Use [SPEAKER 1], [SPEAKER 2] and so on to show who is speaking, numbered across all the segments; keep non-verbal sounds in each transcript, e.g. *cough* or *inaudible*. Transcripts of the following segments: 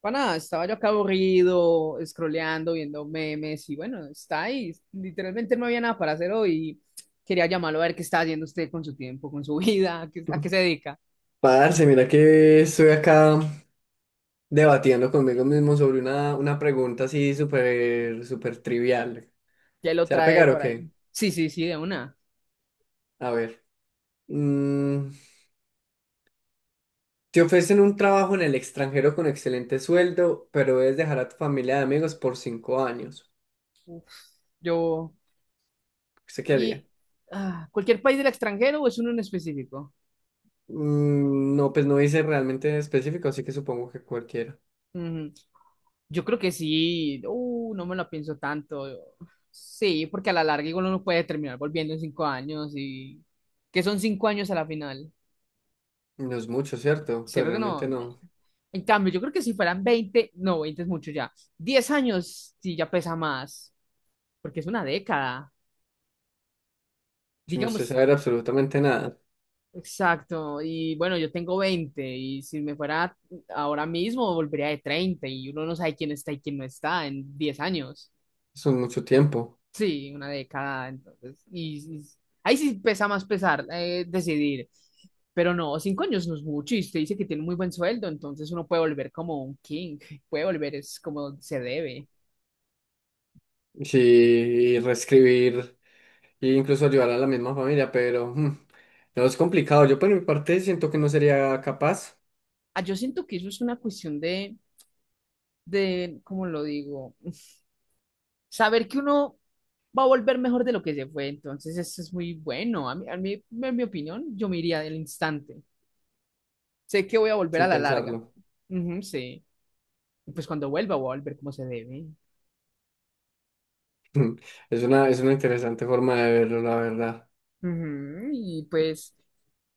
[SPEAKER 1] Para estaba yo acá aburrido, scrolleando, viendo memes y bueno, está ahí. Literalmente no había nada para hacer hoy. Quería llamarlo a ver qué está haciendo usted con su tiempo, con su *laughs* vida, a qué se dedica.
[SPEAKER 2] Parce, mira que estoy acá debatiendo conmigo mismo sobre una pregunta así súper, súper trivial.
[SPEAKER 1] Ya lo
[SPEAKER 2] ¿Se va a
[SPEAKER 1] trae
[SPEAKER 2] pegar o
[SPEAKER 1] por ahí.
[SPEAKER 2] qué?
[SPEAKER 1] Sí, sí, sí, de una.
[SPEAKER 2] A ver. Mm, Te ofrecen un trabajo en el extranjero con excelente sueldo, pero debes dejar a tu familia de amigos por 5 años.
[SPEAKER 1] Uf, yo.
[SPEAKER 2] ¿Usted qué
[SPEAKER 1] ¿Y
[SPEAKER 2] haría?
[SPEAKER 1] Cualquier país del extranjero o es uno en específico?
[SPEAKER 2] No, pues no dice realmente específico, así que supongo que cualquiera.
[SPEAKER 1] Ujú. Yo creo que sí. No me lo pienso tanto. Sí, porque a la larga igual uno puede terminar volviendo en 5 años y que son 5 años a la final.
[SPEAKER 2] No es mucho, ¿cierto? Pero
[SPEAKER 1] Cierto que
[SPEAKER 2] realmente
[SPEAKER 1] no.
[SPEAKER 2] no.
[SPEAKER 1] En cambio, yo creo que si fueran 20 no, 20 es mucho ya. 10 años sí ya pesa más, porque es una década.
[SPEAKER 2] Sin usted
[SPEAKER 1] Digamos,
[SPEAKER 2] saber absolutamente nada.
[SPEAKER 1] exacto. Y bueno, yo tengo 20 y si me fuera ahora mismo, volvería de 31, no sabe quién está y quién no está en 10 años.
[SPEAKER 2] Son mucho tiempo.
[SPEAKER 1] Sí, una década, entonces. Ahí sí pesa más pesar decidir. Pero no, 5 años no es mucho. Y usted dice que tiene un muy buen sueldo, entonces uno puede volver como un king, *laughs* puede volver es como se debe.
[SPEAKER 2] Sí, y reescribir. Y incluso ayudar a la misma familia, pero no es complicado. Yo por mi parte siento que no sería capaz
[SPEAKER 1] Ah, yo siento que eso es una cuestión ¿cómo lo digo? *laughs* Saber que uno va a volver mejor de lo que se fue, entonces eso es muy bueno. A mí, en mi opinión, yo me iría del instante. Sé que voy a volver a
[SPEAKER 2] sin
[SPEAKER 1] la larga.
[SPEAKER 2] pensarlo. *laughs*
[SPEAKER 1] Ujú, sí. Y pues cuando vuelva, voy a volver como se debe.
[SPEAKER 2] Mm, Es una, es una, interesante forma de verlo, la verdad.
[SPEAKER 1] Ujú. Y pues,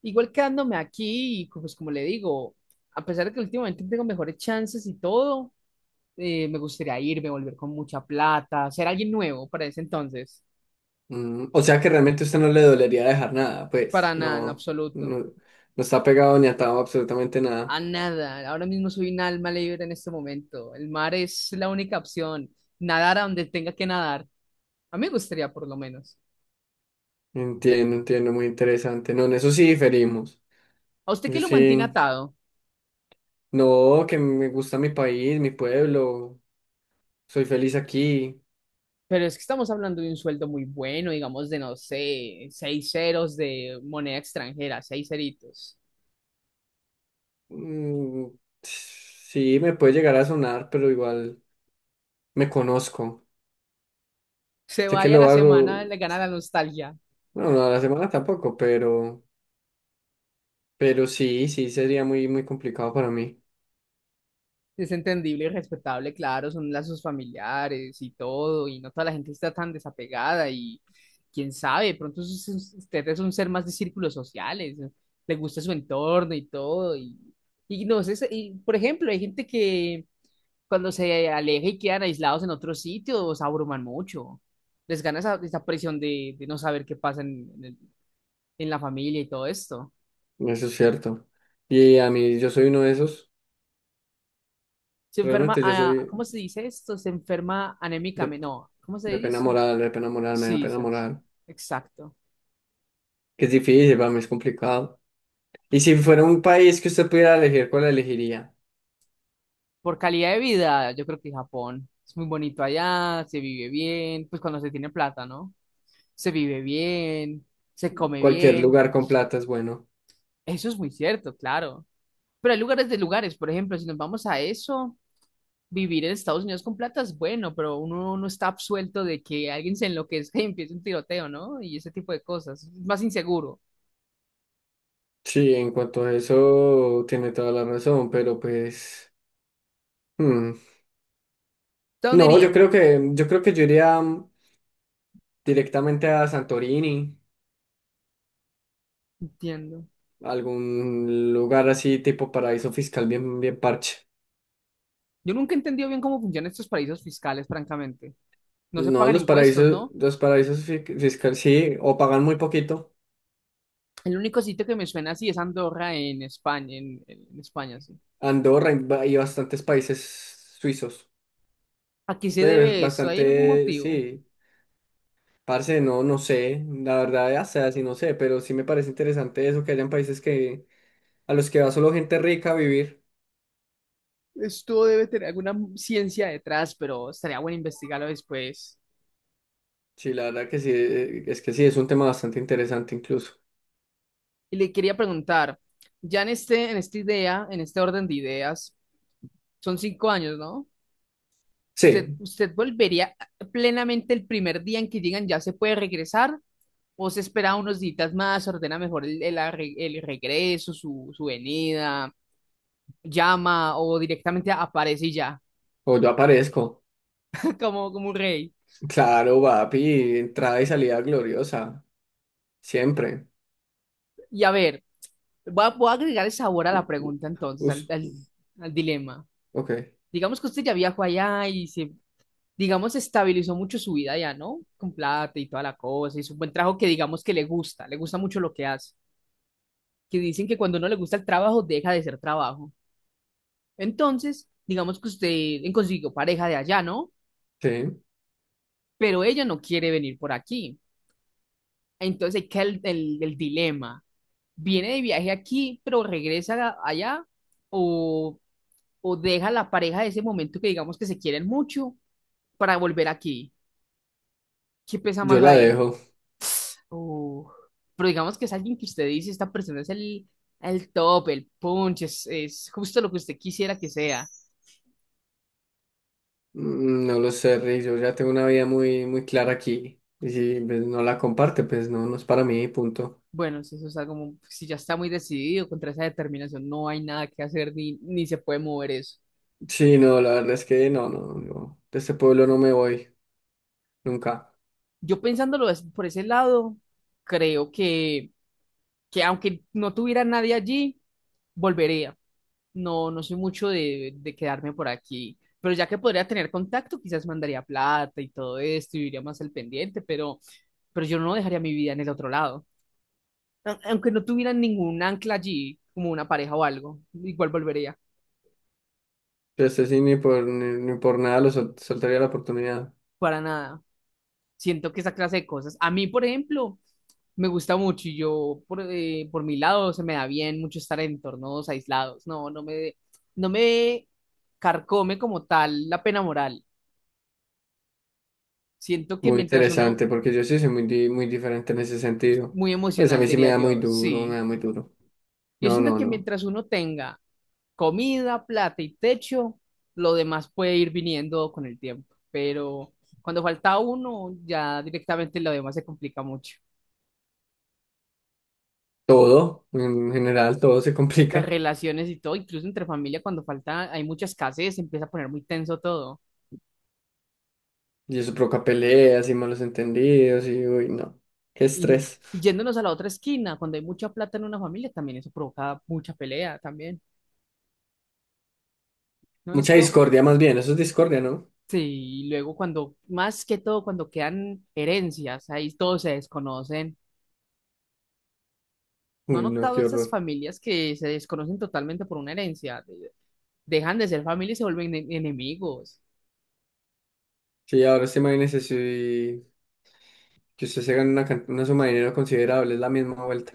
[SPEAKER 1] igual quedándome aquí, pues como le digo, a pesar de que últimamente tengo mejores chances y todo, me gustaría irme, volver con mucha plata, ser alguien nuevo para ese entonces.
[SPEAKER 2] O sea que realmente a usted no le dolería dejar nada, pues
[SPEAKER 1] Para nada, en
[SPEAKER 2] no,
[SPEAKER 1] absoluto.
[SPEAKER 2] no, no está pegado ni atado a absolutamente nada.
[SPEAKER 1] A nada. Ahora mismo soy un alma libre en este momento. El mar es la única opción. Nadar a donde tenga que nadar. A mí me gustaría, por lo menos.
[SPEAKER 2] Entiendo, entiendo, muy interesante. No, en eso sí diferimos.
[SPEAKER 1] ¿A usted qué
[SPEAKER 2] Eso
[SPEAKER 1] lo mantiene
[SPEAKER 2] sí,
[SPEAKER 1] atado?
[SPEAKER 2] no, que me gusta mi país, mi pueblo, soy feliz aquí.
[SPEAKER 1] Pero es que estamos hablando de un sueldo muy bueno, digamos de, no sé, seis ceros de moneda extranjera, seis ceritos.
[SPEAKER 2] Mm, sí, me puede llegar a sonar, pero igual me conozco.
[SPEAKER 1] Se
[SPEAKER 2] Sé que
[SPEAKER 1] vaya
[SPEAKER 2] lo
[SPEAKER 1] la semana,
[SPEAKER 2] hago,
[SPEAKER 1] le gana la nostalgia.
[SPEAKER 2] bueno, no a la semana tampoco, pero, sí, sí, sería muy, muy complicado para mí.
[SPEAKER 1] Es entendible y respetable, claro, son lazos familiares y todo, y no toda la gente está tan desapegada y quién sabe, de pronto usted es un ser más de círculos sociales, le gusta su entorno y todo, y no sé, y, por ejemplo, hay gente que cuando se aleja y quedan aislados en otros sitios, abruman mucho. Les gana esa presión de no saber qué pasa en la familia y todo esto.
[SPEAKER 2] Eso es cierto. Y a mí, yo soy uno de esos.
[SPEAKER 1] Se enferma,
[SPEAKER 2] Realmente yo
[SPEAKER 1] ah,
[SPEAKER 2] soy
[SPEAKER 1] ¿cómo se dice esto? Se enferma
[SPEAKER 2] de,
[SPEAKER 1] anémicamente, no, ¿cómo se
[SPEAKER 2] de pena
[SPEAKER 1] dice?
[SPEAKER 2] moral, de pena moral, me da
[SPEAKER 1] Sí,
[SPEAKER 2] pena
[SPEAKER 1] sas.
[SPEAKER 2] moral.
[SPEAKER 1] Exacto.
[SPEAKER 2] Que es difícil, para mí es complicado. Y si fuera un país que usted pudiera elegir, ¿cuál elegiría?
[SPEAKER 1] Por calidad de vida, yo creo que Japón es muy bonito allá, se vive bien, pues cuando se tiene plata, ¿no? Se vive bien, se come
[SPEAKER 2] Cualquier
[SPEAKER 1] bien.
[SPEAKER 2] lugar con plata es bueno.
[SPEAKER 1] Eso es muy cierto, claro. Pero hay lugares de lugares, por ejemplo, si nos vamos a eso. Vivir en Estados Unidos con plata es bueno, pero uno no está absuelto de que alguien se enloquezca y empiece un tiroteo, ¿no? Y ese tipo de cosas. Es más inseguro.
[SPEAKER 2] Sí, en cuanto a eso, tiene toda la razón, pero pues, hmm,
[SPEAKER 1] ¿De dónde
[SPEAKER 2] no, yo
[SPEAKER 1] iría?
[SPEAKER 2] creo que, yo creo que yo iría directamente a Santorini,
[SPEAKER 1] Entiendo.
[SPEAKER 2] algún lugar así tipo paraíso fiscal bien, bien parche.
[SPEAKER 1] Yo nunca he entendido bien cómo funcionan estos paraísos fiscales, francamente. No se
[SPEAKER 2] No,
[SPEAKER 1] pagan impuestos, ¿no?
[SPEAKER 2] los paraísos fiscales sí, o pagan muy poquito.
[SPEAKER 1] El único sitio que me suena así es Andorra en España, en España, sí.
[SPEAKER 2] Andorra y bastantes países suizos.
[SPEAKER 1] ¿A qué se debe eso? ¿Hay algún
[SPEAKER 2] Bastante,
[SPEAKER 1] motivo?
[SPEAKER 2] sí. Parce, no, no sé, la verdad, ya sea, sí, no sé, pero sí me parece interesante eso, que hayan países que a los que va solo gente rica a vivir.
[SPEAKER 1] Esto debe tener alguna ciencia detrás, pero estaría bueno investigarlo después.
[SPEAKER 2] Sí, la verdad que sí, es que sí, es un tema bastante interesante incluso.
[SPEAKER 1] Y le quería preguntar, ya en este, en esta idea, en este orden de ideas, son 5 años, ¿no? ¿Usted,
[SPEAKER 2] Sí,
[SPEAKER 1] usted volvería plenamente el primer día en que llegan, ya se puede regresar? ¿O se espera unos días más, ordena mejor el regreso, su venida, llama o directamente aparece y ya,
[SPEAKER 2] o yo aparezco.
[SPEAKER 1] *laughs* como un rey?
[SPEAKER 2] Claro, papi, entrada y salida gloriosa, siempre.
[SPEAKER 1] Y a ver, voy a agregar el sabor a
[SPEAKER 2] U-
[SPEAKER 1] la
[SPEAKER 2] u-
[SPEAKER 1] pregunta entonces, al,
[SPEAKER 2] us-
[SPEAKER 1] al- al dilema.
[SPEAKER 2] ok,
[SPEAKER 1] Digamos que usted ya viajó allá y se digamos, estabilizó mucho su vida ya, ¿no? Con plata y toda la cosa, hizo un buen trabajo que digamos que le gusta mucho lo que hace, que dicen que cuando no le gusta el trabajo, deja de ser trabajo. Entonces, digamos que usted consiguió pareja de allá, ¿no?
[SPEAKER 2] sí,
[SPEAKER 1] Pero ella no quiere venir por aquí. Entonces, ahí queda el dilema. ¿Viene de viaje aquí, pero regresa a- allá? ¿O, o deja la pareja de ese momento que digamos que se quieren mucho para volver aquí? ¿Qué pesa
[SPEAKER 2] yo
[SPEAKER 1] más
[SPEAKER 2] la
[SPEAKER 1] ahí?
[SPEAKER 2] dejo.
[SPEAKER 1] Uh, pero digamos que es alguien que usted dice, esta persona es el top, el punch, es justo lo que usted quisiera que sea.
[SPEAKER 2] No lo sé, Rick, yo ya tengo una vida muy, muy clara aquí. Y si pues, no la comparte, pues no, no es para mí, punto.
[SPEAKER 1] Bueno, si eso está como, si ya está muy decidido contra esa determinación, no hay nada que hacer ni se puede mover eso.
[SPEAKER 2] Sí, no, la verdad es que no, no, yo de este pueblo no me voy, nunca.
[SPEAKER 1] Yo pensándolo es- por ese lado, creo que aunque no tuviera nadie allí, volvería. No, no soy mucho de quedarme por aquí, pero ya que podría tener contacto, quizás mandaría plata y todo esto y iría más al pendiente, pero yo no dejaría mi vida en el otro lado. Aunque no tuviera ningún ancla allí, como una pareja o algo, igual volvería,
[SPEAKER 2] Este sí, ni por nada lo soltaría la oportunidad.
[SPEAKER 1] para nada. Siento que esa clase de cosas, a mí, por ejemplo, me gusta mucho y yo, por mi lado, se me da bien mucho estar en entornos aislados. No, no me carcome como tal la pena moral. Siento que
[SPEAKER 2] Muy
[SPEAKER 1] mientras uno
[SPEAKER 2] interesante, porque yo sí soy muy diferente en ese sentido.
[SPEAKER 1] muy
[SPEAKER 2] Pues a
[SPEAKER 1] emocional,
[SPEAKER 2] mí sí me
[SPEAKER 1] diría
[SPEAKER 2] da muy
[SPEAKER 1] yo,
[SPEAKER 2] duro, me
[SPEAKER 1] sí.
[SPEAKER 2] da muy duro.
[SPEAKER 1] Yo
[SPEAKER 2] No,
[SPEAKER 1] siento
[SPEAKER 2] no,
[SPEAKER 1] que
[SPEAKER 2] no.
[SPEAKER 1] mientras uno tenga comida, plata y techo, lo demás puede ir viniendo con el tiempo. Pero cuando falta uno, ya directamente lo demás se complica mucho.
[SPEAKER 2] Todo, en general, todo se
[SPEAKER 1] Las
[SPEAKER 2] complica.
[SPEAKER 1] relaciones y todo, incluso entre familia, cuando falta, hay mucha escasez, se empieza a poner muy tenso todo.
[SPEAKER 2] Y eso provoca peleas y malos entendidos y, uy, no. Qué
[SPEAKER 1] Y,
[SPEAKER 2] estrés.
[SPEAKER 1] y yéndonos a la otra esquina, cuando hay mucha plata en una familia, también eso provoca mucha pelea también. ¿No he
[SPEAKER 2] Mucha
[SPEAKER 1] visto?
[SPEAKER 2] discordia más bien, eso es discordia, ¿no?
[SPEAKER 1] Sí, y luego cuando, más que todo, cuando quedan herencias, ahí todos se desconocen. ¿No han
[SPEAKER 2] Uy, no,
[SPEAKER 1] notado
[SPEAKER 2] qué
[SPEAKER 1] esas
[SPEAKER 2] horror.
[SPEAKER 1] familias que se desconocen totalmente por una herencia? Dejan de ser familia y se vuelven enemigos.
[SPEAKER 2] Sí, ahora sí imagínese si que usted se gana una suma de dinero considerable, es la misma vuelta.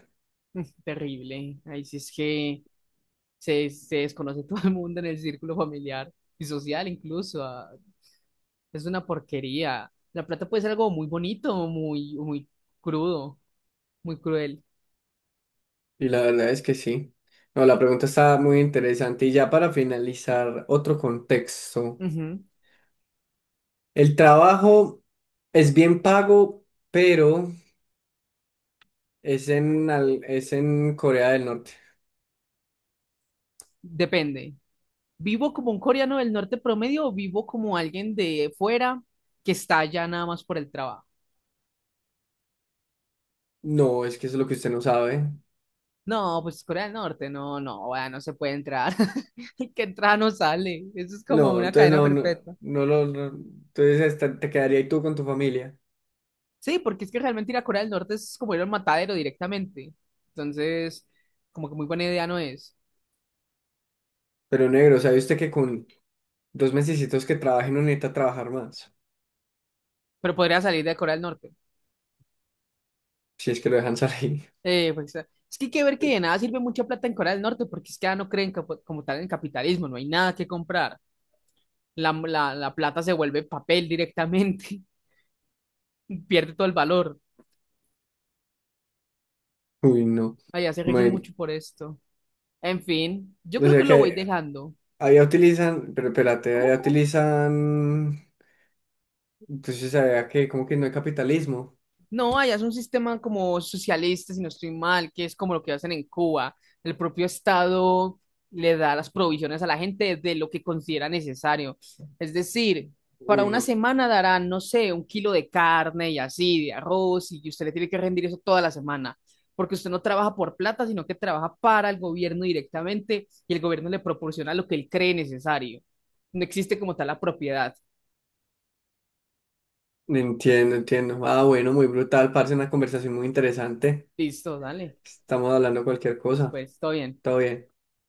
[SPEAKER 1] Terrible. Ahí sí es que se desconoce *laughs* todo el mundo en el círculo familiar y social incluso. Es una porquería. La plata puede ser algo muy bonito, muy, muy crudo, muy cruel.
[SPEAKER 2] Y la verdad es que sí. No, la pregunta está muy interesante. Y ya para finalizar, otro contexto.
[SPEAKER 1] Ujú.
[SPEAKER 2] El trabajo es bien pago, pero es en Corea del Norte.
[SPEAKER 1] Depende. ¿Vivo como un coreano del norte promedio o vivo como alguien de fuera que está allá nada más por el trabajo?
[SPEAKER 2] No, es que eso es lo que usted no sabe.
[SPEAKER 1] No, pues Corea del Norte, no, no, vea, no se puede entrar. *laughs* El que entra no sale. Eso es como
[SPEAKER 2] No,
[SPEAKER 1] una
[SPEAKER 2] entonces
[SPEAKER 1] cadena
[SPEAKER 2] no, no,
[SPEAKER 1] perpetua.
[SPEAKER 2] no lo, entonces hasta te quedaría ahí tú con tu familia.
[SPEAKER 1] Sí, porque es que realmente ir a Corea del Norte es como ir al matadero directamente. Entonces, como que muy buena idea no es.
[SPEAKER 2] Pero negro, ¿sabe usted que con 2 mesecitos que trabaje no necesita trabajar más?
[SPEAKER 1] Pero podría salir de Corea del Norte.
[SPEAKER 2] Si es que lo dejan salir.
[SPEAKER 1] Pues, es que hay que ver que de nada sirve mucha plata en Corea del Norte porque es que ya no creen como tal en el capitalismo, no hay nada que comprar. La plata se vuelve papel directamente, *laughs* pierde todo el valor.
[SPEAKER 2] *laughs* Uy, no.
[SPEAKER 1] Allá se rigen
[SPEAKER 2] Bueno,
[SPEAKER 1] mucho por esto. En fin, yo
[SPEAKER 2] o
[SPEAKER 1] creo que
[SPEAKER 2] sea
[SPEAKER 1] lo voy
[SPEAKER 2] que
[SPEAKER 1] dejando.
[SPEAKER 2] allá utilizan, pero espérate,
[SPEAKER 1] ¿Cómo,
[SPEAKER 2] allá
[SPEAKER 1] cómo?
[SPEAKER 2] utilizan, entonces allá que como que no hay capitalismo.
[SPEAKER 1] No, allá es un sistema como socialista, si no estoy mal, que es como lo que hacen en Cuba. El propio Estado le da las provisiones a la gente de lo que considera necesario. Es decir, para
[SPEAKER 2] Uy,
[SPEAKER 1] una
[SPEAKER 2] no,
[SPEAKER 1] semana darán, no sé, un kilo de carne y así, de arroz, y usted le tiene que rendir eso toda la semana, porque usted no trabaja por plata, sino que trabaja para el gobierno directamente y el gobierno le proporciona lo que él cree necesario. No existe como tal la propiedad.
[SPEAKER 2] no entiendo, entiendo. Ah, bueno, muy brutal, parce, una conversación muy interesante.
[SPEAKER 1] Listo, dale.
[SPEAKER 2] Estamos hablando cualquier
[SPEAKER 1] Listo,
[SPEAKER 2] cosa.
[SPEAKER 1] pues, todo bien.
[SPEAKER 2] Todo bien.